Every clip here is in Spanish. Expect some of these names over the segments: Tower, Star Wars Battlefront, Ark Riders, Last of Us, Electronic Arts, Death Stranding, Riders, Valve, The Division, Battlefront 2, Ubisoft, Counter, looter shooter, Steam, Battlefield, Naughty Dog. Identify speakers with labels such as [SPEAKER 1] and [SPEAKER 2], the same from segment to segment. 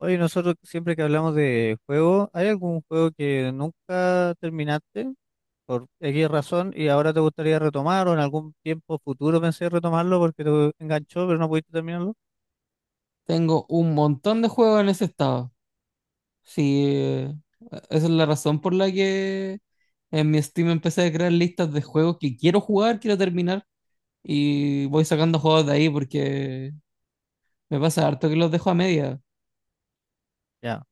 [SPEAKER 1] Oye, nosotros siempre que hablamos de juego, ¿hay algún juego que nunca terminaste por X razón y ahora te gustaría retomar o en algún tiempo futuro pensé retomarlo porque te enganchó pero no pudiste terminarlo?
[SPEAKER 2] Tengo un montón de juegos en ese estado. Sí, esa es la razón por la que en mi Steam empecé a crear listas de juegos que quiero jugar, quiero terminar. Y voy sacando juegos de ahí porque me pasa harto que los dejo a media.
[SPEAKER 1] Ya.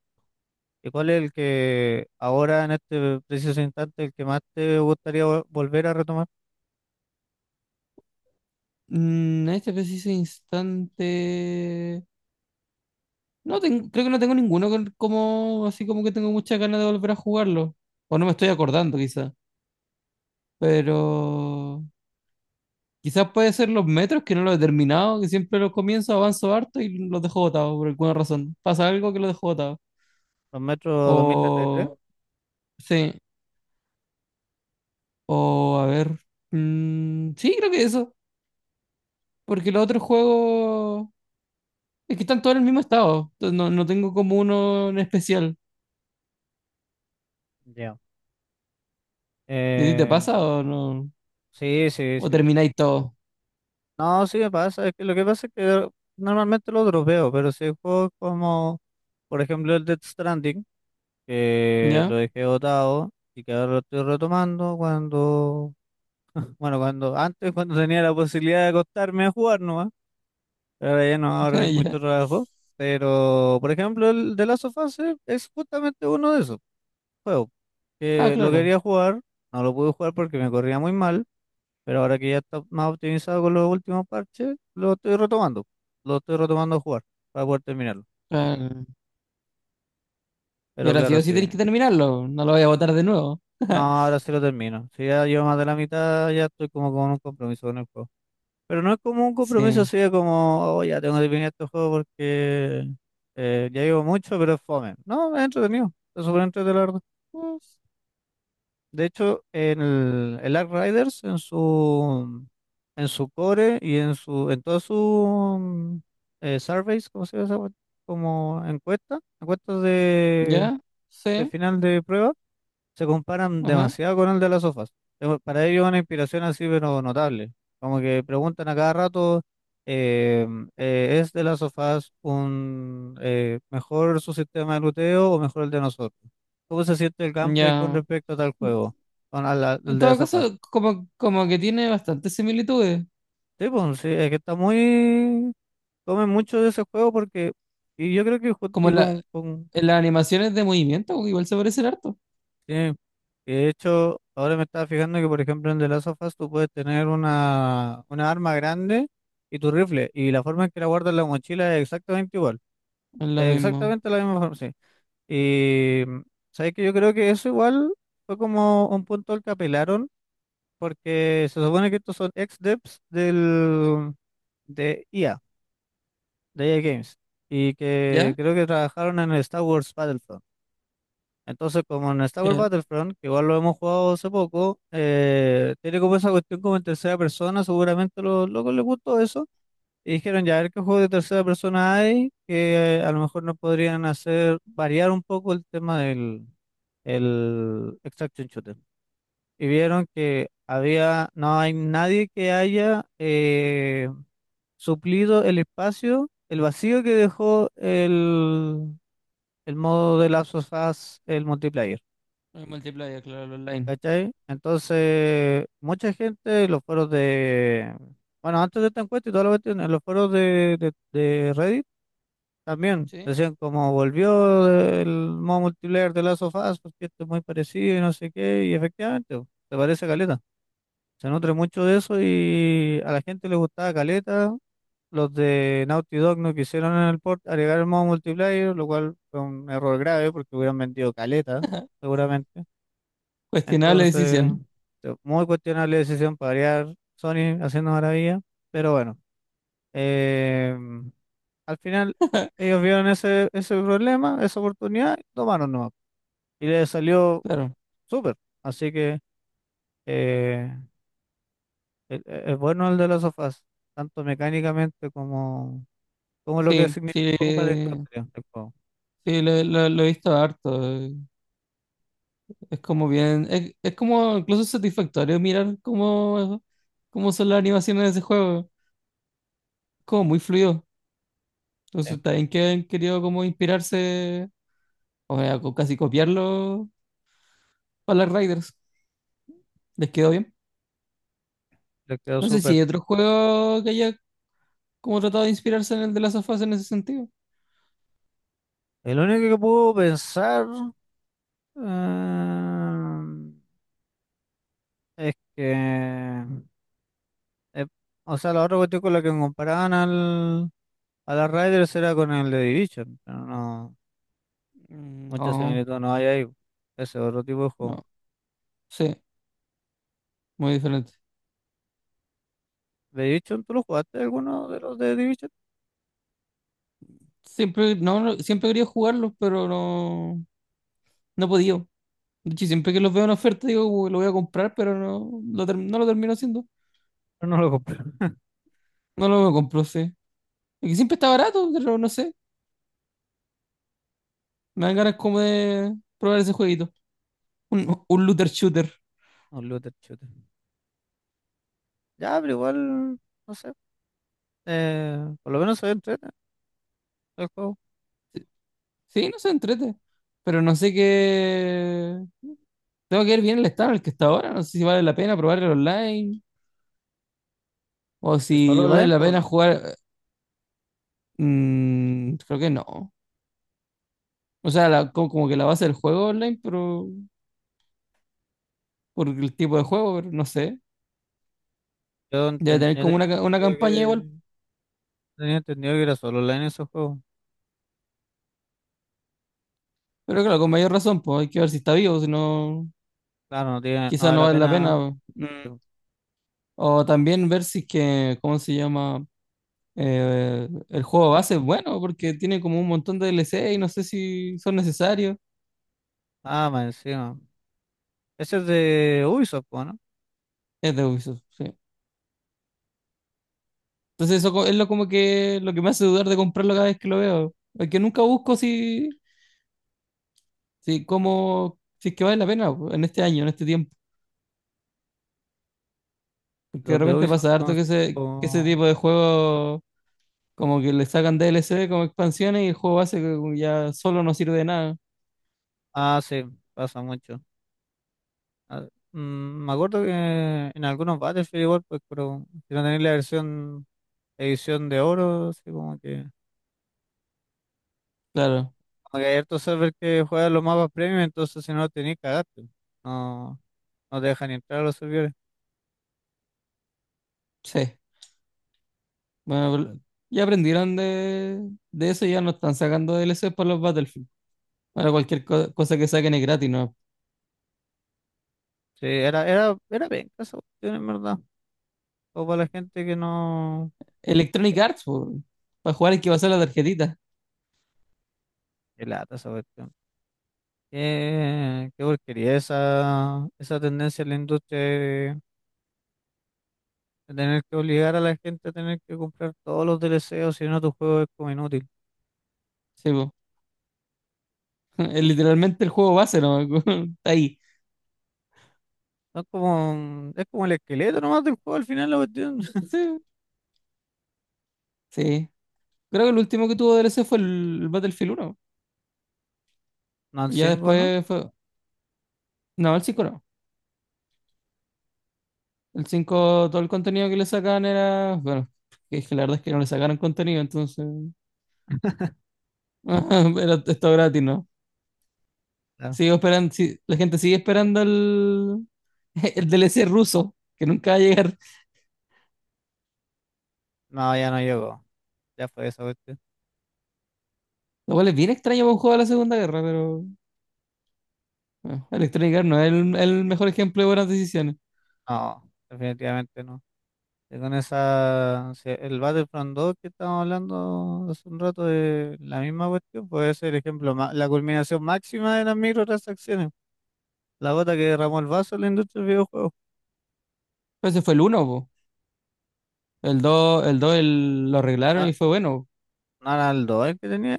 [SPEAKER 1] ¿Y cuál es el que ahora en este preciso instante el que más te gustaría volver a retomar?
[SPEAKER 2] En este preciso instante. No tengo, creo que no tengo ninguno como así como que tengo muchas ganas de volver a jugarlo. O no me estoy acordando quizá. Pero quizás puede ser los metros, que no lo he terminado, que siempre los comienzo, avanzo harto y los dejo botados por alguna razón. Pasa algo que los dejo botados.
[SPEAKER 1] ¿Los metros tres?
[SPEAKER 2] O, sí, o a ver. Sí, creo que eso. Porque los otros juegos es que están todos en el mismo estado. Entonces no tengo como uno en especial.
[SPEAKER 1] Ya.
[SPEAKER 2] ¿Y a ti te
[SPEAKER 1] Eh,
[SPEAKER 2] pasa o no?
[SPEAKER 1] sí, sí,
[SPEAKER 2] ¿O
[SPEAKER 1] sí.
[SPEAKER 2] termináis todo?
[SPEAKER 1] No, sí me pasa. Es que lo que pasa es que normalmente lo dropeo, pero si hay juegos como, por ejemplo, el Death Stranding, que
[SPEAKER 2] ¿Ya?
[SPEAKER 1] lo dejé botado y que ahora lo estoy retomando cuando, bueno, cuando antes, cuando tenía la posibilidad de acostarme a jugar nomás, pero ahora ya no, ahora
[SPEAKER 2] Ah,
[SPEAKER 1] hay
[SPEAKER 2] ¿ya?
[SPEAKER 1] mucho trabajo. Pero, por ejemplo, el de Last of Us es justamente uno de esos juegos
[SPEAKER 2] Ah,
[SPEAKER 1] que lo
[SPEAKER 2] claro.
[SPEAKER 1] quería jugar, no lo pude jugar porque me corría muy mal, pero ahora que ya está más optimizado con los últimos parches, lo estoy retomando a jugar para poder terminarlo.
[SPEAKER 2] Ah, y
[SPEAKER 1] Pero
[SPEAKER 2] ahora sí
[SPEAKER 1] claro,
[SPEAKER 2] o sí
[SPEAKER 1] sí.
[SPEAKER 2] tenéis que terminarlo. No lo voy a botar de nuevo.
[SPEAKER 1] No, ahora sí lo termino. Si ya llevo más de la mitad, ya estoy como con un compromiso con el juego. Pero no es como un compromiso,
[SPEAKER 2] Sí.
[SPEAKER 1] así de como, oh, ya tengo que terminar este juego porque ya llevo mucho, pero es fome. No, es entretenido. Es súper entretenido, la verdad.
[SPEAKER 2] Pues,
[SPEAKER 1] De hecho, en el Ark Riders, en su core y en todos sus surveys, ¿cómo se llama esa cuestión? Como encuesta, encuestas
[SPEAKER 2] ¿ya?
[SPEAKER 1] de
[SPEAKER 2] Sí.
[SPEAKER 1] final de prueba. Se comparan
[SPEAKER 2] Ajá.
[SPEAKER 1] demasiado con el de las sofás. Pero para ellos una inspiración así, pero notable. Como que preguntan a cada rato, eh, ¿es de las sofás un mejor su sistema de luteo o mejor el de nosotros? ¿Cómo se siente el gameplay con
[SPEAKER 2] Ya.
[SPEAKER 1] respecto a tal juego? Con al
[SPEAKER 2] En
[SPEAKER 1] de las
[SPEAKER 2] todo
[SPEAKER 1] sofás.
[SPEAKER 2] caso, como que tiene bastantes similitudes.
[SPEAKER 1] Sí, pues, sí, es que está muy... Comen mucho de ese juego porque... Y yo creo que
[SPEAKER 2] Como
[SPEAKER 1] y
[SPEAKER 2] la,
[SPEAKER 1] con
[SPEAKER 2] en las animaciones de movimiento, pues, igual se parecen harto.
[SPEAKER 1] sí, y de hecho, ahora me estaba fijando que, por ejemplo, en The Last of Us tú puedes tener una arma grande y tu rifle, y la forma en que la guardas en la mochila es exactamente igual,
[SPEAKER 2] Es lo
[SPEAKER 1] es
[SPEAKER 2] mismo.
[SPEAKER 1] exactamente la misma forma, sí. Y sabes que yo creo que eso igual fue como un punto al que apelaron, porque se supone que estos son ex-devs de IA, de EA Games, y que
[SPEAKER 2] ¿Ya?
[SPEAKER 1] creo que trabajaron en el Star Wars Battlefront. Entonces, como en Star Wars
[SPEAKER 2] Claro.
[SPEAKER 1] Battlefront, que igual lo hemos jugado hace poco, tiene como esa cuestión como en tercera persona, seguramente a los locos les gustó eso. Y dijeron, ya, a ver qué juego de tercera persona hay, que a lo mejor nos podrían hacer variar un poco el tema del el extraction shooter. Y vieron que había, no hay nadie que haya suplido el espacio, el vacío que dejó el modo de Last of Us, el multiplayer.
[SPEAKER 2] El multiplayer, claro, el online.
[SPEAKER 1] ¿Cachai? Entonces, mucha gente en los foros de. Bueno, antes de esta encuesta y toda la cuestión, en los foros de Reddit también
[SPEAKER 2] Sí.
[SPEAKER 1] decían como volvió el modo multiplayer de Last of Us, porque esto es muy parecido y no sé qué, y efectivamente, po, se parece a Caleta. Se nutre mucho de eso y a la gente le gustaba Caleta. Los de Naughty Dog no quisieron en el port agregar el modo multiplayer, lo cual fue un error grave porque hubieran vendido Caleta, seguramente.
[SPEAKER 2] Cuestionable
[SPEAKER 1] Entonces,
[SPEAKER 2] decisión.
[SPEAKER 1] este, muy cuestionable decisión para variar Sony haciendo maravilla, pero bueno, eh, al final ellos vieron ese problema, esa oportunidad, y tomaron nomás. Y les salió
[SPEAKER 2] Claro.
[SPEAKER 1] súper. Así que eh, es bueno el de los sofás, tanto mecánicamente como, como lo que
[SPEAKER 2] Sí,
[SPEAKER 1] significó para la
[SPEAKER 2] sí.
[SPEAKER 1] industria del juego.
[SPEAKER 2] Sí, lo he visto harto. Es como bien. Es como incluso satisfactorio mirar cómo, cómo son las animaciones de ese juego. Como muy fluido.
[SPEAKER 1] Sí,
[SPEAKER 2] Entonces, también que han querido como inspirarse. O sea, casi copiarlo para las Riders. Les quedó bien.
[SPEAKER 1] les quedó
[SPEAKER 2] No sé si
[SPEAKER 1] súper.
[SPEAKER 2] hay otro juego que haya como tratado de inspirarse en el de las sofás en ese sentido.
[SPEAKER 1] El único que puedo pensar eh, es que Eh, o sea, los otros cuestión con la que comparaban a las Riders era con el de Division, pero no,
[SPEAKER 2] Mm,
[SPEAKER 1] mucha
[SPEAKER 2] no,
[SPEAKER 1] similitud no hay ahí. Ese otro tipo de juego.
[SPEAKER 2] no. Sí, muy diferente.
[SPEAKER 1] ¿The Division tú lo jugaste alguno de los de Division?
[SPEAKER 2] Siempre, no, no, siempre quería jugarlos, pero no, no he podido. De hecho, siempre que los veo en oferta digo, "Uy, lo voy a comprar", pero no lo, no lo termino haciendo.
[SPEAKER 1] Pero no lo compré.
[SPEAKER 2] No lo compro, sí. Es que siempre está barato, pero no sé. Me dan ganas como de probar ese jueguito. Un, un looter shooter.
[SPEAKER 1] Un looter shooter. Ya, pero igual, no sé. Por lo menos se entrete el juego.
[SPEAKER 2] Sí, no se entrete. Pero no sé qué. Tengo que ver bien el estado en el que está ahora. No sé si vale la pena probar el online o
[SPEAKER 1] ¿Es
[SPEAKER 2] si
[SPEAKER 1] solo
[SPEAKER 2] vale
[SPEAKER 1] online,
[SPEAKER 2] la
[SPEAKER 1] pues
[SPEAKER 2] pena
[SPEAKER 1] no?
[SPEAKER 2] jugar. Mm, creo que no. O sea, como, como que la base del juego online, pero por el tipo de juego, pero no sé.
[SPEAKER 1] Yo,
[SPEAKER 2] Debe tener
[SPEAKER 1] yo
[SPEAKER 2] como una, una
[SPEAKER 1] entendido
[SPEAKER 2] campaña igual.
[SPEAKER 1] que, tenía entendido que era solo online ese juego.
[SPEAKER 2] Pero claro, con mayor razón, pues hay que ver si está vivo, si no,
[SPEAKER 1] Claro, no tiene, no
[SPEAKER 2] quizás
[SPEAKER 1] vale
[SPEAKER 2] no
[SPEAKER 1] la
[SPEAKER 2] vale la pena.
[SPEAKER 1] pena.
[SPEAKER 2] Mm. O también ver si es que, ¿cómo se llama? El juego base es bueno, porque tiene como un montón de DLC y no sé si son necesarios.
[SPEAKER 1] Ah, más encima. Ese es de Ubisoft, po, ¿no?
[SPEAKER 2] Es de Ubisoft, sí. Entonces eso es lo que me hace dudar de comprarlo cada vez que lo veo. Porque nunca busco si, si cómo si es que vale la pena po, en este año, en este tiempo. Porque de
[SPEAKER 1] Los de
[SPEAKER 2] repente
[SPEAKER 1] Ubisoft
[SPEAKER 2] pasa harto
[SPEAKER 1] son...
[SPEAKER 2] que que ese
[SPEAKER 1] tipo-
[SPEAKER 2] tipo de juegos como que le sacan DLC como expansiones y el juego base que ya solo no sirve de nada.
[SPEAKER 1] Ah, sí, pasa mucho. Ah, mm, me acuerdo que en algunos Battlefield igual, pues, pero si no tenéis la versión edición de oro, así como que...
[SPEAKER 2] Claro,
[SPEAKER 1] Como que hay hartos servers que juegan los mapas premium, entonces si no lo tenéis, cagaste. No, no te dejan ni entrar a los servidores.
[SPEAKER 2] sí. Bueno, ya aprendieron de eso y ya no están sacando DLC para los Battlefield. Para cualquier cosa que saquen es gratis, ¿no?
[SPEAKER 1] Sí, era bien, esa cuestión, en verdad. O para la gente que no...
[SPEAKER 2] Electronic Arts, po, para jugar hay que pasar la tarjetita.
[SPEAKER 1] Qué lata esa cuestión. Qué porquería esa tendencia en la industria de tener que obligar a la gente a tener que comprar todos los DLC, o si no tu juego es como inútil.
[SPEAKER 2] Sí, po. Es literalmente el juego base, ¿no? Está ahí.
[SPEAKER 1] Son como, es como el esqueleto nomás del juego al final la cuestión.
[SPEAKER 2] Sí, sí. Creo que el último que tuvo DLC fue el Battlefield uno.
[SPEAKER 1] No, el
[SPEAKER 2] Y ya
[SPEAKER 1] cinco ¿no?
[SPEAKER 2] después fue. No, el 5 no. El cinco todo el contenido que le sacaban era. Bueno, es que la verdad es que no le sacaron contenido, entonces. Era esto gratis, ¿no?
[SPEAKER 1] Claro.
[SPEAKER 2] Sigo esperando. Sí, la gente sigue esperando el, el DLC ruso, que nunca va a llegar.
[SPEAKER 1] No, ya no llegó. Ya fue esa cuestión.
[SPEAKER 2] Lo cual es bien extraño para un juego de la Segunda Guerra, pero bueno, Electronic Arts no es el mejor ejemplo de buenas decisiones.
[SPEAKER 1] No, definitivamente no. Y con esa, si el Battlefront 2 que estábamos hablando hace un rato de la misma cuestión, puede ser el ejemplo, la culminación máxima de las microtransacciones. La gota que derramó el vaso en la industria del videojuego.
[SPEAKER 2] Pero ese fue el uno. El 2 lo arreglaron
[SPEAKER 1] No,
[SPEAKER 2] y fue bueno.
[SPEAKER 1] no era el 2 el que tenía,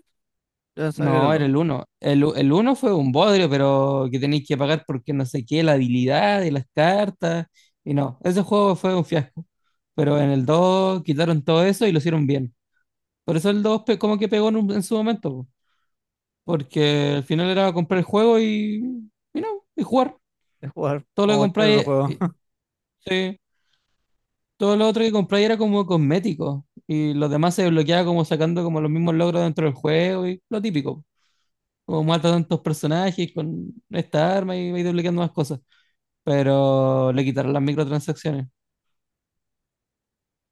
[SPEAKER 1] yo pensaba que era
[SPEAKER 2] No,
[SPEAKER 1] el
[SPEAKER 2] era
[SPEAKER 1] 2
[SPEAKER 2] el uno. El uno fue un bodrio, pero que tenéis que pagar porque no sé qué, la habilidad de las cartas. Y no, ese juego fue un fiasco. Pero en el 2 quitaron todo eso y lo hicieron bien. Por eso el 2 como que pegó en, en su momento, po. Porque al final era comprar el juego y no, y jugar.
[SPEAKER 1] de jugar
[SPEAKER 2] Todo lo
[SPEAKER 1] como
[SPEAKER 2] que
[SPEAKER 1] cualquier otro
[SPEAKER 2] compráis,
[SPEAKER 1] juego.
[SPEAKER 2] sí, todo lo otro que compráis era como cosmético. Y los demás se desbloqueaba como sacando como los mismos logros dentro del juego y lo típico. Como mata tantos personajes con esta arma y va duplicando más cosas. Pero le quitaron las microtransacciones.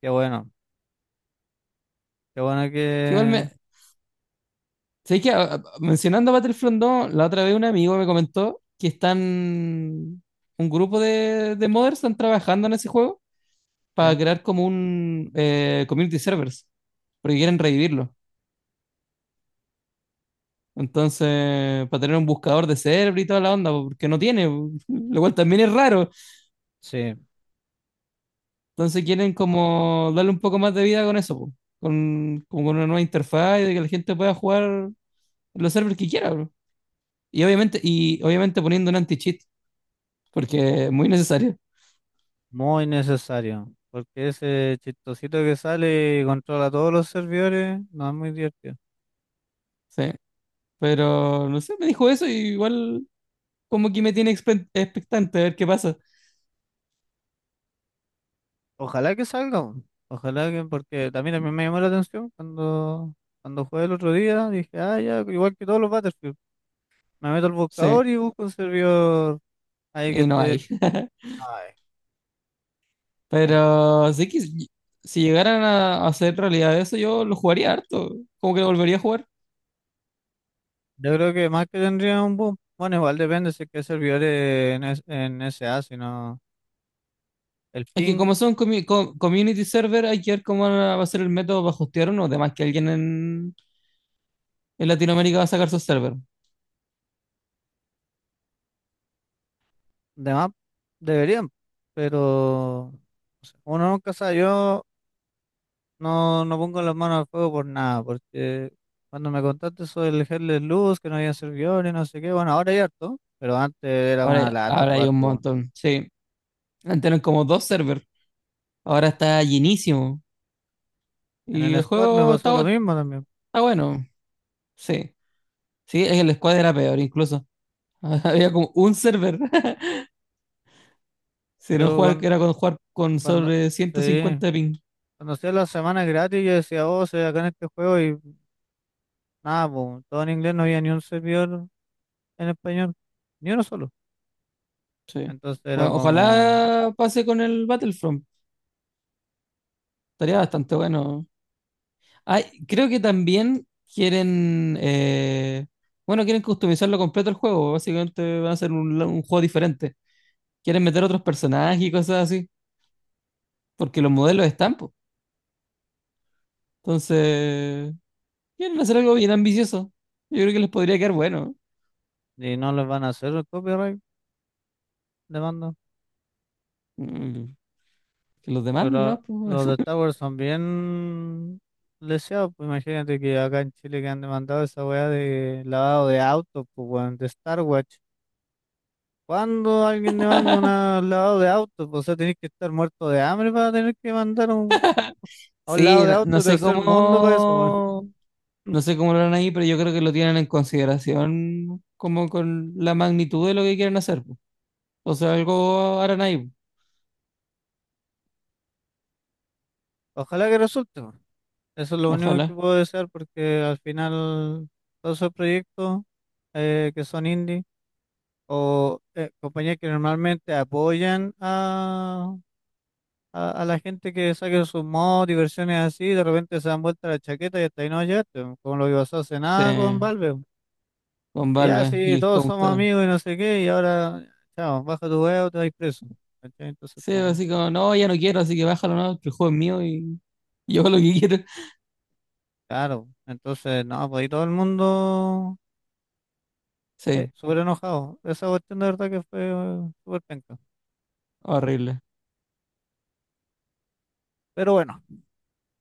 [SPEAKER 1] Qué bueno, qué bueno
[SPEAKER 2] Sí, igual
[SPEAKER 1] que...
[SPEAKER 2] me. Sé que mencionando Battlefront 2, la otra vez un amigo me comentó que están. Un grupo de modders están trabajando en ese juego
[SPEAKER 1] Ya,
[SPEAKER 2] para crear como un community servers, porque quieren revivirlo. Entonces, para tener un buscador de server y toda la onda, porque no tiene, lo cual también es raro.
[SPEAKER 1] sí,
[SPEAKER 2] Entonces quieren como darle un poco más de vida con eso, po. Con, como con una nueva interfaz y de que la gente pueda jugar los servers que quiera, bro. Y obviamente poniendo un anti-cheat, porque es muy necesario,
[SPEAKER 1] muy necesario. Porque ese chistosito que sale y controla todos los servidores, no es muy divertido.
[SPEAKER 2] sí. Pero no sé, me dijo eso y igual como que me tiene expectante a ver qué pasa.
[SPEAKER 1] Ojalá que salga, weón. Ojalá que, porque también a mí me llamó la atención cuando, cuando jugué el otro día, dije, ah, ya, igual que todos los Battlefield, me meto al
[SPEAKER 2] Sí,
[SPEAKER 1] buscador y busco un servidor ahí que
[SPEAKER 2] y no
[SPEAKER 1] esté.
[SPEAKER 2] hay.
[SPEAKER 1] Ay, entonces,
[SPEAKER 2] Pero sí que si, si llegaran a hacer realidad eso, yo lo jugaría harto. Como que lo volvería a jugar.
[SPEAKER 1] yo creo que más que tendría un boom, bueno, igual depende si es que hay servidores en, en SA, si no. El
[SPEAKER 2] Es que
[SPEAKER 1] ping
[SPEAKER 2] como son community server, hay que ver cómo va a ser el método para hostear uno. Además que alguien en Latinoamérica va a sacar su server.
[SPEAKER 1] de map deberían, pero o sea, uno nunca sabe. Yo no, no pongo las manos al fuego por nada, porque cuando me contaste sobre el Headless Luz, que no había servidores, no sé qué, bueno, ahora hay harto, pero antes era
[SPEAKER 2] Ahora,
[SPEAKER 1] una lata
[SPEAKER 2] ahora hay
[SPEAKER 1] jugar.
[SPEAKER 2] un
[SPEAKER 1] Po.
[SPEAKER 2] montón. Sí, antes eran como dos servers. Ahora está llenísimo.
[SPEAKER 1] En
[SPEAKER 2] Y
[SPEAKER 1] el
[SPEAKER 2] el
[SPEAKER 1] squad me
[SPEAKER 2] juego está,
[SPEAKER 1] pasó lo mismo también.
[SPEAKER 2] está bueno. Sí, sí, es que el squad era peor incluso. Había como un server. Si no
[SPEAKER 1] Yo
[SPEAKER 2] jugar, que era con jugar con
[SPEAKER 1] cuando,
[SPEAKER 2] sobre ciento
[SPEAKER 1] sí,
[SPEAKER 2] cincuenta ping.
[SPEAKER 1] cuando hacía las semanas gratis, yo decía, oh, soy acá en este juego y nada, po, todo en inglés, no había ni un servidor en español, ni uno solo.
[SPEAKER 2] Sí.
[SPEAKER 1] Entonces era
[SPEAKER 2] Bueno,
[SPEAKER 1] como.
[SPEAKER 2] ojalá pase con el Battlefront. Estaría bastante bueno. Ay, creo que también quieren, bueno, quieren customizarlo completo el juego. Básicamente va a ser un juego diferente. Quieren meter otros personajes y cosas así, porque los modelos están, po. Entonces, quieren hacer algo bien ambicioso. Yo creo que les podría quedar bueno.
[SPEAKER 1] Y no les van a hacer el copyright demanda.
[SPEAKER 2] Mm, que los
[SPEAKER 1] Porque
[SPEAKER 2] demanden, ¿no? Pues,
[SPEAKER 1] los de Tower son bien leseados. Pues imagínate que acá en Chile que han demandado esa weá de lavado de autos, pues weón, de Star Watch. ¿Cuándo alguien demanda un lavado de autos? Pues, o sea, tenés que estar muerto de hambre para tener que mandar un, a un
[SPEAKER 2] sí,
[SPEAKER 1] lavado de
[SPEAKER 2] no,
[SPEAKER 1] auto
[SPEAKER 2] no
[SPEAKER 1] de
[SPEAKER 2] sé
[SPEAKER 1] tercer mundo para eso, weón.
[SPEAKER 2] cómo, no sé cómo lo harán ahí, pero yo creo que lo tienen en consideración como con la magnitud de lo que quieren hacer, po. O sea, algo harán ahí,
[SPEAKER 1] Ojalá que resulte, weón. Eso es lo
[SPEAKER 2] po.
[SPEAKER 1] único que
[SPEAKER 2] Ojalá.
[SPEAKER 1] puedo desear porque al final todos esos proyectos que son indie. O compañías que normalmente apoyan a la gente que saque sus mods y versiones así, de repente se dan vuelta la chaqueta y hasta ahí no llegaste, bo, como lo que pasó hace
[SPEAKER 2] Sí.
[SPEAKER 1] nada con Valve. Bo.
[SPEAKER 2] Con
[SPEAKER 1] Y ya,
[SPEAKER 2] Valve y
[SPEAKER 1] sí,
[SPEAKER 2] el
[SPEAKER 1] todos somos
[SPEAKER 2] Counter.
[SPEAKER 1] amigos y no sé qué, y ahora, chao, baja tu huevo, te vas preso. ¿Cachai? Entonces,
[SPEAKER 2] Sí,
[SPEAKER 1] como,
[SPEAKER 2] así como, no, ya no quiero, así que bájalo, no, que el juego es mío y yo hago lo que quiero.
[SPEAKER 1] claro, entonces, no, pues ahí todo el mundo
[SPEAKER 2] Sí,
[SPEAKER 1] súper enojado. Esa cuestión de verdad que fue súper penca.
[SPEAKER 2] horrible.
[SPEAKER 1] Pero bueno.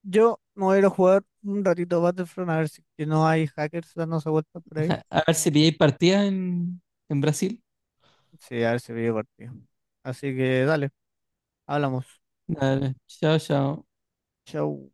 [SPEAKER 1] Yo me voy a ir a jugar un ratito Battlefront a ver si que no hay hackers dándose vueltas por ahí.
[SPEAKER 2] A ver si pilláis partidas en Brasil.
[SPEAKER 1] Sí, a ver si veo partido. Así que dale, hablamos.
[SPEAKER 2] Dale, chao, chao.
[SPEAKER 1] Chau.